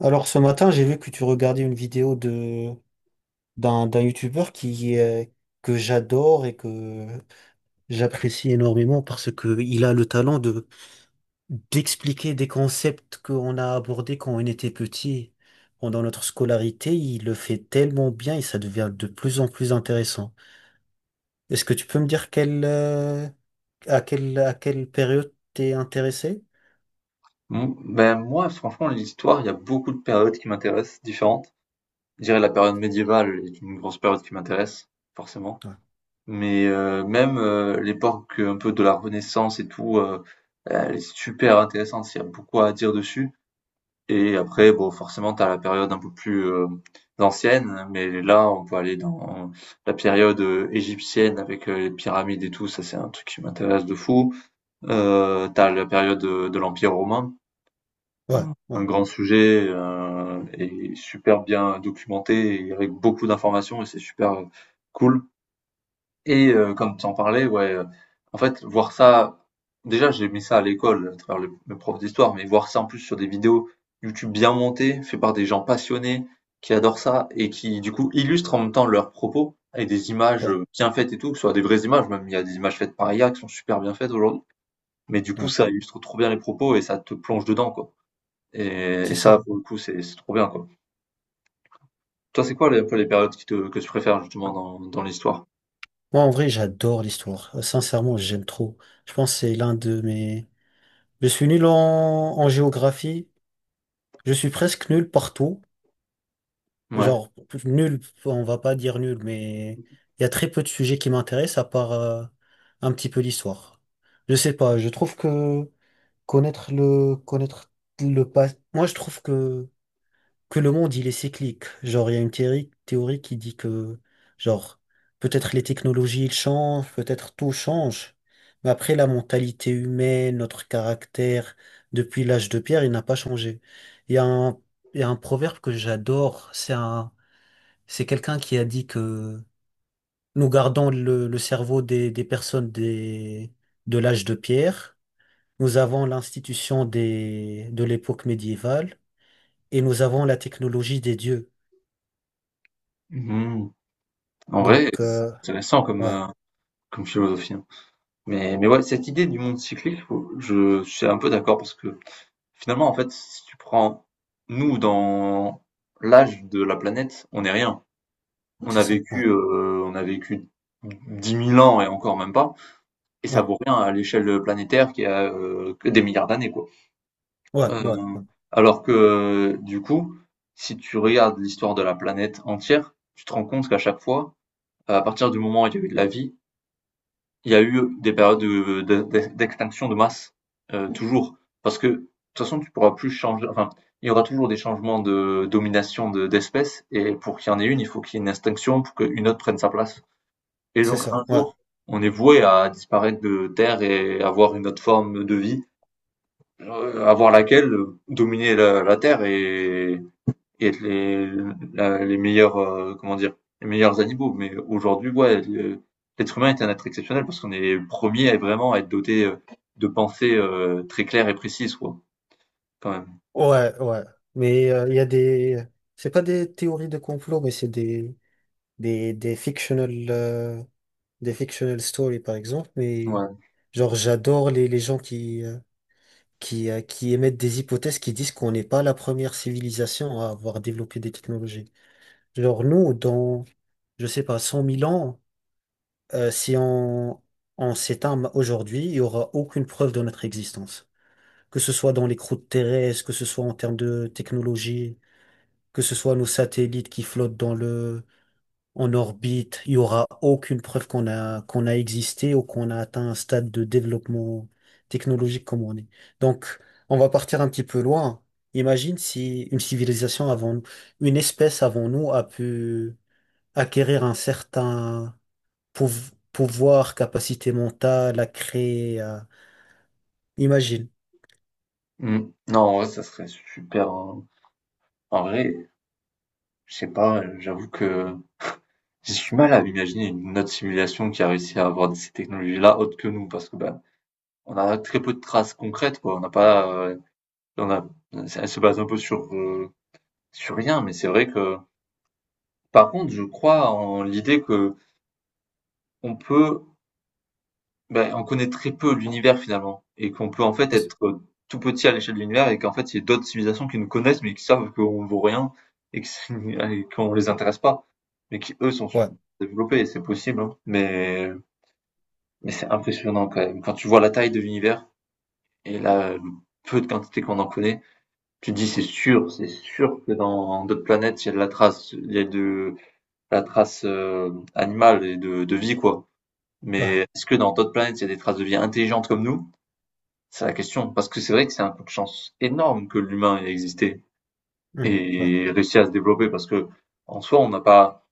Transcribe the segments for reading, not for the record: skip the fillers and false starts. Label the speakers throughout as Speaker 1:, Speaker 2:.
Speaker 1: Alors ce matin, j'ai vu que tu regardais une vidéo de d'un d'un youtubeur qui est que j'adore et que j'apprécie énormément parce que il a le talent de d'expliquer des concepts qu'on a abordés quand on était petit pendant notre scolarité. Il le fait tellement bien et ça devient de plus en plus intéressant. Est-ce que tu peux me dire quelle à quelle période t'es intéressé?
Speaker 2: Mmh, ben, moi, franchement, l'histoire, il y a beaucoup de périodes qui m'intéressent, différentes. Je dirais la période médiévale est une grosse période qui m'intéresse, forcément.
Speaker 1: Ouais,
Speaker 2: Mais même l'époque un peu de la Renaissance et tout, elle est super intéressante, il y a beaucoup à dire dessus. Et après, bon, forcément, t'as la période un peu plus ancienne, mais là, on peut aller dans la période égyptienne avec les pyramides et tout, ça c'est un truc qui m'intéresse de fou. T'as la période de l'Empire romain,
Speaker 1: ouais,
Speaker 2: un
Speaker 1: ouais,
Speaker 2: un grand sujet, et super bien documenté et avec beaucoup d'informations et c'est super, cool. Et comme tu en parlais, ouais, en fait, voir ça déjà, j'ai mis ça à l'école à travers le prof d'histoire, mais voir ça en plus sur des vidéos YouTube bien montées, faites par des gens passionnés qui adorent ça et qui, du coup, illustrent en même temps leurs propos avec des images,
Speaker 1: ouais,
Speaker 2: bien faites et tout, que ce soit des vraies images, même il y a des images faites par IA qui sont super bien faites aujourd'hui, mais du coup,
Speaker 1: ouais,
Speaker 2: ça illustre trop bien les propos et ça te plonge dedans, quoi. Et
Speaker 1: c'est
Speaker 2: ça,
Speaker 1: ça.
Speaker 2: pour le coup, c'est trop bien, quoi. Toi, c'est quoi les, un peu les périodes que tu préfères justement dans, dans l'histoire?
Speaker 1: Moi, en vrai, j'adore l'histoire. Sincèrement, j'aime trop. Je pense que c'est l'un de mes... Je suis nul en... en géographie. Je suis presque nul partout.
Speaker 2: Ouais.
Speaker 1: Genre, nul, on va pas dire nul, mais il y a très peu de sujets qui m'intéressent à part un petit peu l'histoire. Je sais pas, je trouve que connaître le passé... Moi, je trouve que le monde, il est cyclique. Genre, il y a une théorie qui dit que, genre, peut-être les technologies, ils changent, peut-être tout change. Mais après, la mentalité humaine, notre caractère, depuis l'âge de pierre, il n'a pas changé. Il y a un, il y a un proverbe que j'adore. C'est un, c'est quelqu'un qui a dit que nous gardons le cerveau des personnes des, de l'âge de pierre. Nous avons l'institution des, de l'époque médiévale et nous avons la technologie des dieux.
Speaker 2: Mhm. En vrai,
Speaker 1: Donc,
Speaker 2: c'est intéressant comme,
Speaker 1: ouais,
Speaker 2: comme philosophie, hein. Mais ouais, cette idée du monde cyclique, je suis un peu d'accord parce que finalement, en fait, si tu prends nous dans l'âge de la planète, on n'est rien.
Speaker 1: c'est ça. Ouais,
Speaker 2: On a vécu 10 000 ans et encore même pas, et ça
Speaker 1: ouais,
Speaker 2: vaut rien à l'échelle planétaire qui a que des milliards d'années, quoi.
Speaker 1: ouais, ouais,
Speaker 2: Heu,
Speaker 1: ouais,
Speaker 2: alors que, du coup, si tu regardes l'histoire de la planète entière, tu te rends compte qu'à chaque fois, à partir du moment où il y a eu de la vie, il y a eu des périodes de d'ex d'extinction de masse, toujours. Parce que, de toute façon, tu pourras plus changer, enfin, il y aura toujours des changements de domination de d'espèces et pour qu'il y en ait une, il faut qu'il y ait une extinction pour qu'une autre prenne sa place. Et
Speaker 1: c'est
Speaker 2: donc
Speaker 1: ça.
Speaker 2: un
Speaker 1: Ouais,
Speaker 2: jour, on est voué à disparaître de terre et avoir une autre forme de vie. Avant laquelle, dominer la terre et être les meilleurs, comment dire? Les meilleurs animaux. Mais aujourd'hui, ouais, le l'être humain est un être exceptionnel parce qu'on est le premier à vraiment être doté, de pensées, très claires et précises, quoi, quand même.
Speaker 1: ouais, ouais. Mais il y a des. C'est pas des théories de complot, mais c'est des fictional, des fictional stories, par exemple. Mais
Speaker 2: Ouais.
Speaker 1: genre, j'adore les gens qui émettent des hypothèses qui disent qu'on n'est pas la première civilisation à avoir développé des technologies. Genre, nous, dans, je sais pas, 100 000 ans, si on s'éteint aujourd'hui, il n'y aura aucune preuve de notre existence. Que ce soit dans les croûtes terrestres, que ce soit en termes de technologie, que ce soit nos satellites qui flottent en orbite, il n'y aura aucune preuve qu'on a existé ou qu'on a atteint un stade de développement technologique comme on est. Donc, on va partir un petit peu loin. Imagine si une civilisation avant, une espèce avant nous a pu acquérir un certain pouvoir, capacité mentale à créer. À- Imagine.
Speaker 2: Mmh. Non, ouais, ça serait super, hein. En vrai, je sais pas, j'avoue que j'ai du mal à imaginer une autre simulation qui a réussi à avoir ces technologies-là autres que nous parce que, ben on a très peu de traces concrètes, quoi. On n'a pas, on a, elle se base un peu sur, sur rien, mais c'est vrai que, par contre, je crois en l'idée que on peut, ben, on connaît très peu l'univers finalement, et qu'on peut en fait être tout petit à l'échelle de l'univers, et qu'en fait, il y a d'autres civilisations qui nous connaissent, mais qui savent qu'on vaut rien, et que c'est- et qu'on les intéresse pas, mais qui eux sont
Speaker 1: Ouais,
Speaker 2: développés, et c'est possible, hein. Mais c'est impressionnant quand même. Quand tu vois la taille de l'univers, et la peu de quantité qu'on en connaît, tu dis c'est sûr que dans d'autres planètes, il y a de la trace, il y a de la trace animale et de vie, quoi.
Speaker 1: ouais,
Speaker 2: Mais est-ce que dans d'autres planètes, il y a des traces de vie intelligentes comme nous? C'est la question. Parce que c'est vrai que c'est un coup de chance énorme que l'humain ait existé
Speaker 1: hmm, ouais,
Speaker 2: et réussi à se développer parce que en soi, on n'a pas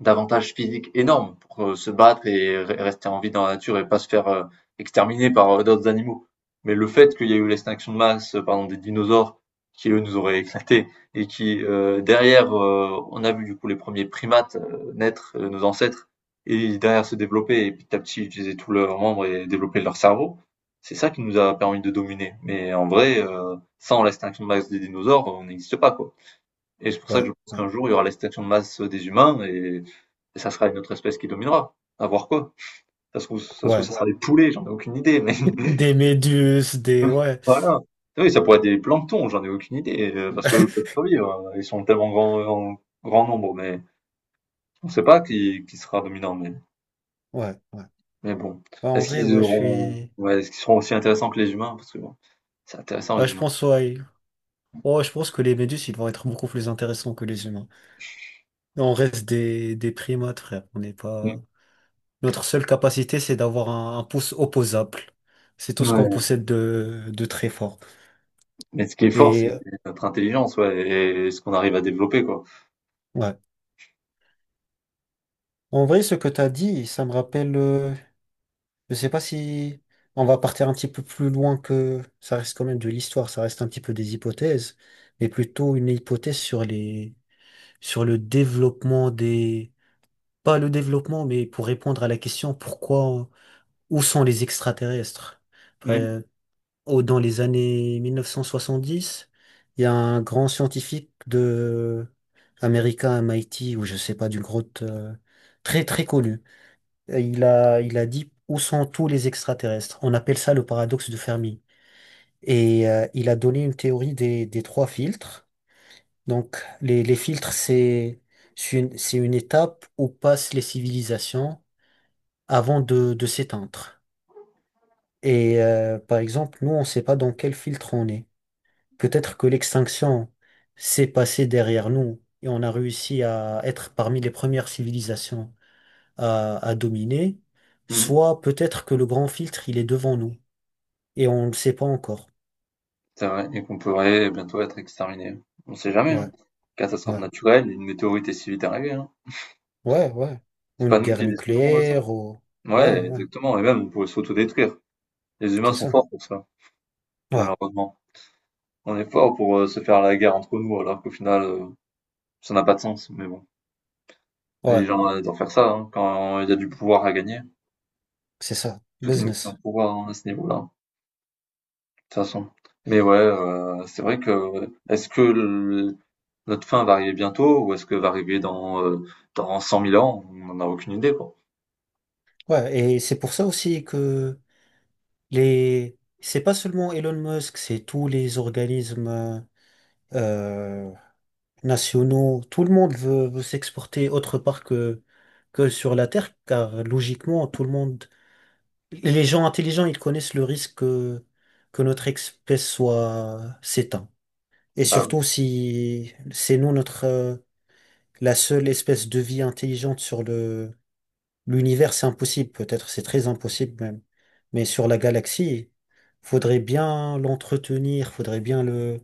Speaker 2: d'avantage physique énorme pour se battre et rester en vie dans la nature et pas se faire exterminer par d'autres animaux. Mais le fait qu'il y ait eu l'extinction de masse, par des dinosaures, qui eux nous auraient éclatés, et qui derrière, on a vu du coup les premiers primates naître, nos ancêtres, et derrière se développer, et petit à petit utiliser tous leurs membres et développer leur cerveau, c'est ça qui nous a permis de dominer. Mais en vrai, sans l'extinction de masse des dinosaures, on n'existe pas, quoi. Et c'est pour ça
Speaker 1: ouais,
Speaker 2: que je pense
Speaker 1: ouais,
Speaker 2: qu'un jour, il y aura l'extinction de masse des humains, et ça sera une autre espèce qui dominera. À voir quoi. Ça se trouve, ça se trouve,
Speaker 1: ouais.
Speaker 2: ça sera des poulets, j'en ai aucune idée, mais
Speaker 1: Des méduses, des... Ouais,
Speaker 2: voilà. Ah oui, ça pourrait être des planctons, j'en ai aucune idée, parce que eux peuvent survivre, hein. Ils sont tellement grands, en grand nombre, mais on ne sait pas qui, qui sera dominant,
Speaker 1: ouais, ouais.
Speaker 2: mais bon.
Speaker 1: Ouais, en
Speaker 2: Est-ce
Speaker 1: vrai,
Speaker 2: qu'ils
Speaker 1: ouais, je
Speaker 2: auront,
Speaker 1: suis...
Speaker 2: ouais, est-ce qu'ils seront aussi intéressants que les humains? Parce que bon, c'est intéressant,
Speaker 1: Ouais,
Speaker 2: les
Speaker 1: je
Speaker 2: humains.
Speaker 1: pense, ouais. Oh, je pense que les méduses, ils vont être beaucoup plus intéressants que les humains. On reste des primates, frère. On n'est pas... Notre seule capacité, c'est d'avoir un pouce opposable. C'est tout
Speaker 2: Mm.
Speaker 1: ce qu'on
Speaker 2: Ouais.
Speaker 1: possède de très fort.
Speaker 2: Mais ce qui est fort, c'est
Speaker 1: Et
Speaker 2: notre intelligence, ouais, et ce qu'on arrive à développer, quoi.
Speaker 1: ouais. En vrai, ce que tu as dit, ça me rappelle. Je sais pas si on va partir un petit peu plus loin que ça reste quand même de l'histoire, ça reste un petit peu des hypothèses, mais plutôt une hypothèse sur les sur le développement des pas le développement, mais pour répondre à la question pourquoi où sont les extraterrestres?
Speaker 2: Mm.
Speaker 1: Après, au- dans les années 1970, il y a un grand scientifique de américain à MIT ou je sais pas d'une grotte très très connu euh, il a dit où sont tous les extraterrestres? On appelle ça le paradoxe de Fermi. Et il a donné une théorie des trois filtres. Donc, les filtres, c'est une étape où passent les civilisations avant de s'éteindre. Et par exemple, nous, on ne sait pas dans quel filtre on est. Peut-être que l'extinction s'est passée derrière nous et on a réussi à être parmi les premières civilisations à dominer.
Speaker 2: Mm.
Speaker 1: Soit peut-être que le grand filtre, il est devant nous. Et on ne le sait pas encore.
Speaker 2: C'est vrai et qu'on pourrait bientôt être exterminé. On sait jamais, hein.
Speaker 1: Ouais,
Speaker 2: Catastrophe
Speaker 1: ouais,
Speaker 2: naturelle, une météorite est si vite arrivée, hein.
Speaker 1: ouais, ouais.
Speaker 2: C'est
Speaker 1: Ou une
Speaker 2: pas nous
Speaker 1: guerre
Speaker 2: qui déciderons de ça.
Speaker 1: nucléaire, ou... Ouais,
Speaker 2: Ouais,
Speaker 1: ouais,
Speaker 2: exactement, et même on pourrait s'autodétruire. Les humains
Speaker 1: c'est
Speaker 2: sont
Speaker 1: ça.
Speaker 2: forts pour ça,
Speaker 1: Ouais,
Speaker 2: malheureusement. On est forts pour se faire la guerre entre nous alors qu'au final, ça n'a pas de sens. Mais bon, les
Speaker 1: ouais,
Speaker 2: gens adorent faire ça hein, quand il y a du pouvoir à gagner.
Speaker 1: c'est ça.
Speaker 2: Tout est une question
Speaker 1: Business.
Speaker 2: de pouvoir hein, à ce niveau-là, de toute façon. Mais ouais, c'est vrai que est-ce que notre fin va arriver bientôt ou est-ce que va arriver dans, dans 100 000 ans? On n'en a aucune idée, quoi.
Speaker 1: Ouais, et c'est pour ça aussi que les... C'est pas seulement Elon Musk, c'est tous les organismes euh, nationaux. Tout le monde veut s'exporter autre part que sur la Terre, car logiquement, tout le monde... Les gens intelligents, ils connaissent le risque que notre espèce soit s'éteint. Et
Speaker 2: Bah oui,
Speaker 1: surtout si c'est nous notre la seule espèce de vie intelligente sur le l'univers, c'est impossible, peut-être c'est très impossible même. Mais sur la galaxie, faudrait bien l'entretenir, faudrait bien le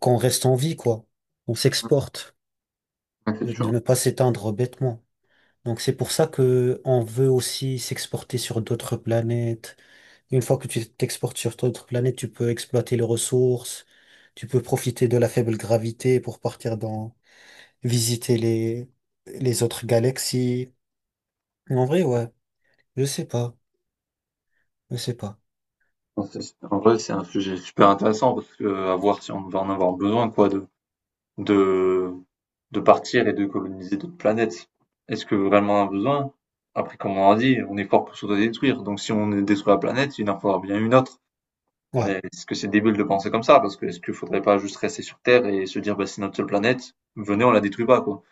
Speaker 1: qu'on reste en vie, quoi. On s'exporte,
Speaker 2: ouais, c'est
Speaker 1: de
Speaker 2: sûr.
Speaker 1: ne pas s'éteindre bêtement. Donc c'est pour ça que on veut aussi s'exporter sur d'autres planètes. Une fois que tu t'exportes sur d'autres planètes, tu peux exploiter les ressources, tu peux profiter de la faible gravité pour partir dans visiter les autres galaxies. En vrai, ouais, je sais pas, je sais pas.
Speaker 2: Enfin, c'est en vrai, c'est un sujet super intéressant parce que à voir si on va en avoir besoin, quoi, de de partir et de coloniser d'autres planètes. Est-ce que vraiment on a besoin? Après, comme on a dit, on est fort pour s'autodétruire, donc si on détruit la planète, il en faudra bien une autre.
Speaker 1: Ouais.
Speaker 2: Mais est-ce que c'est débile de penser comme ça? Parce que est-ce qu'il faudrait pas juste rester sur Terre et se dire: «Bah, c'est notre seule planète, venez, on la détruit pas», quoi?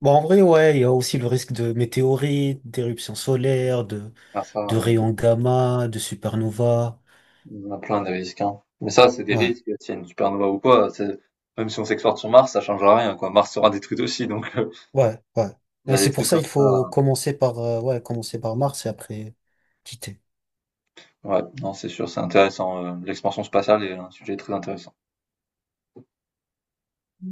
Speaker 1: Bon, en vrai, ouais, il y a aussi le risque de météorites, d'éruptions solaires,
Speaker 2: Ah ça,
Speaker 1: de rayons gamma, de supernova.
Speaker 2: il y en a plein des risques, hein. Mais ça, c'est des
Speaker 1: Ouais,
Speaker 2: risques, s'il y a une supernova ou quoi, c'est- même si on s'exporte sur Mars, ça changera rien, quoi. Mars sera détruite aussi, donc
Speaker 1: ouais, ouais.
Speaker 2: il y
Speaker 1: Mais
Speaker 2: a des
Speaker 1: c'est pour
Speaker 2: trucs
Speaker 1: ça
Speaker 2: comme
Speaker 1: il faut
Speaker 2: ça.
Speaker 1: commencer par, ouais, commencer par Mars et après quitter.
Speaker 2: Ouais, non, c'est sûr, c'est intéressant. L'expansion spatiale est un sujet très intéressant.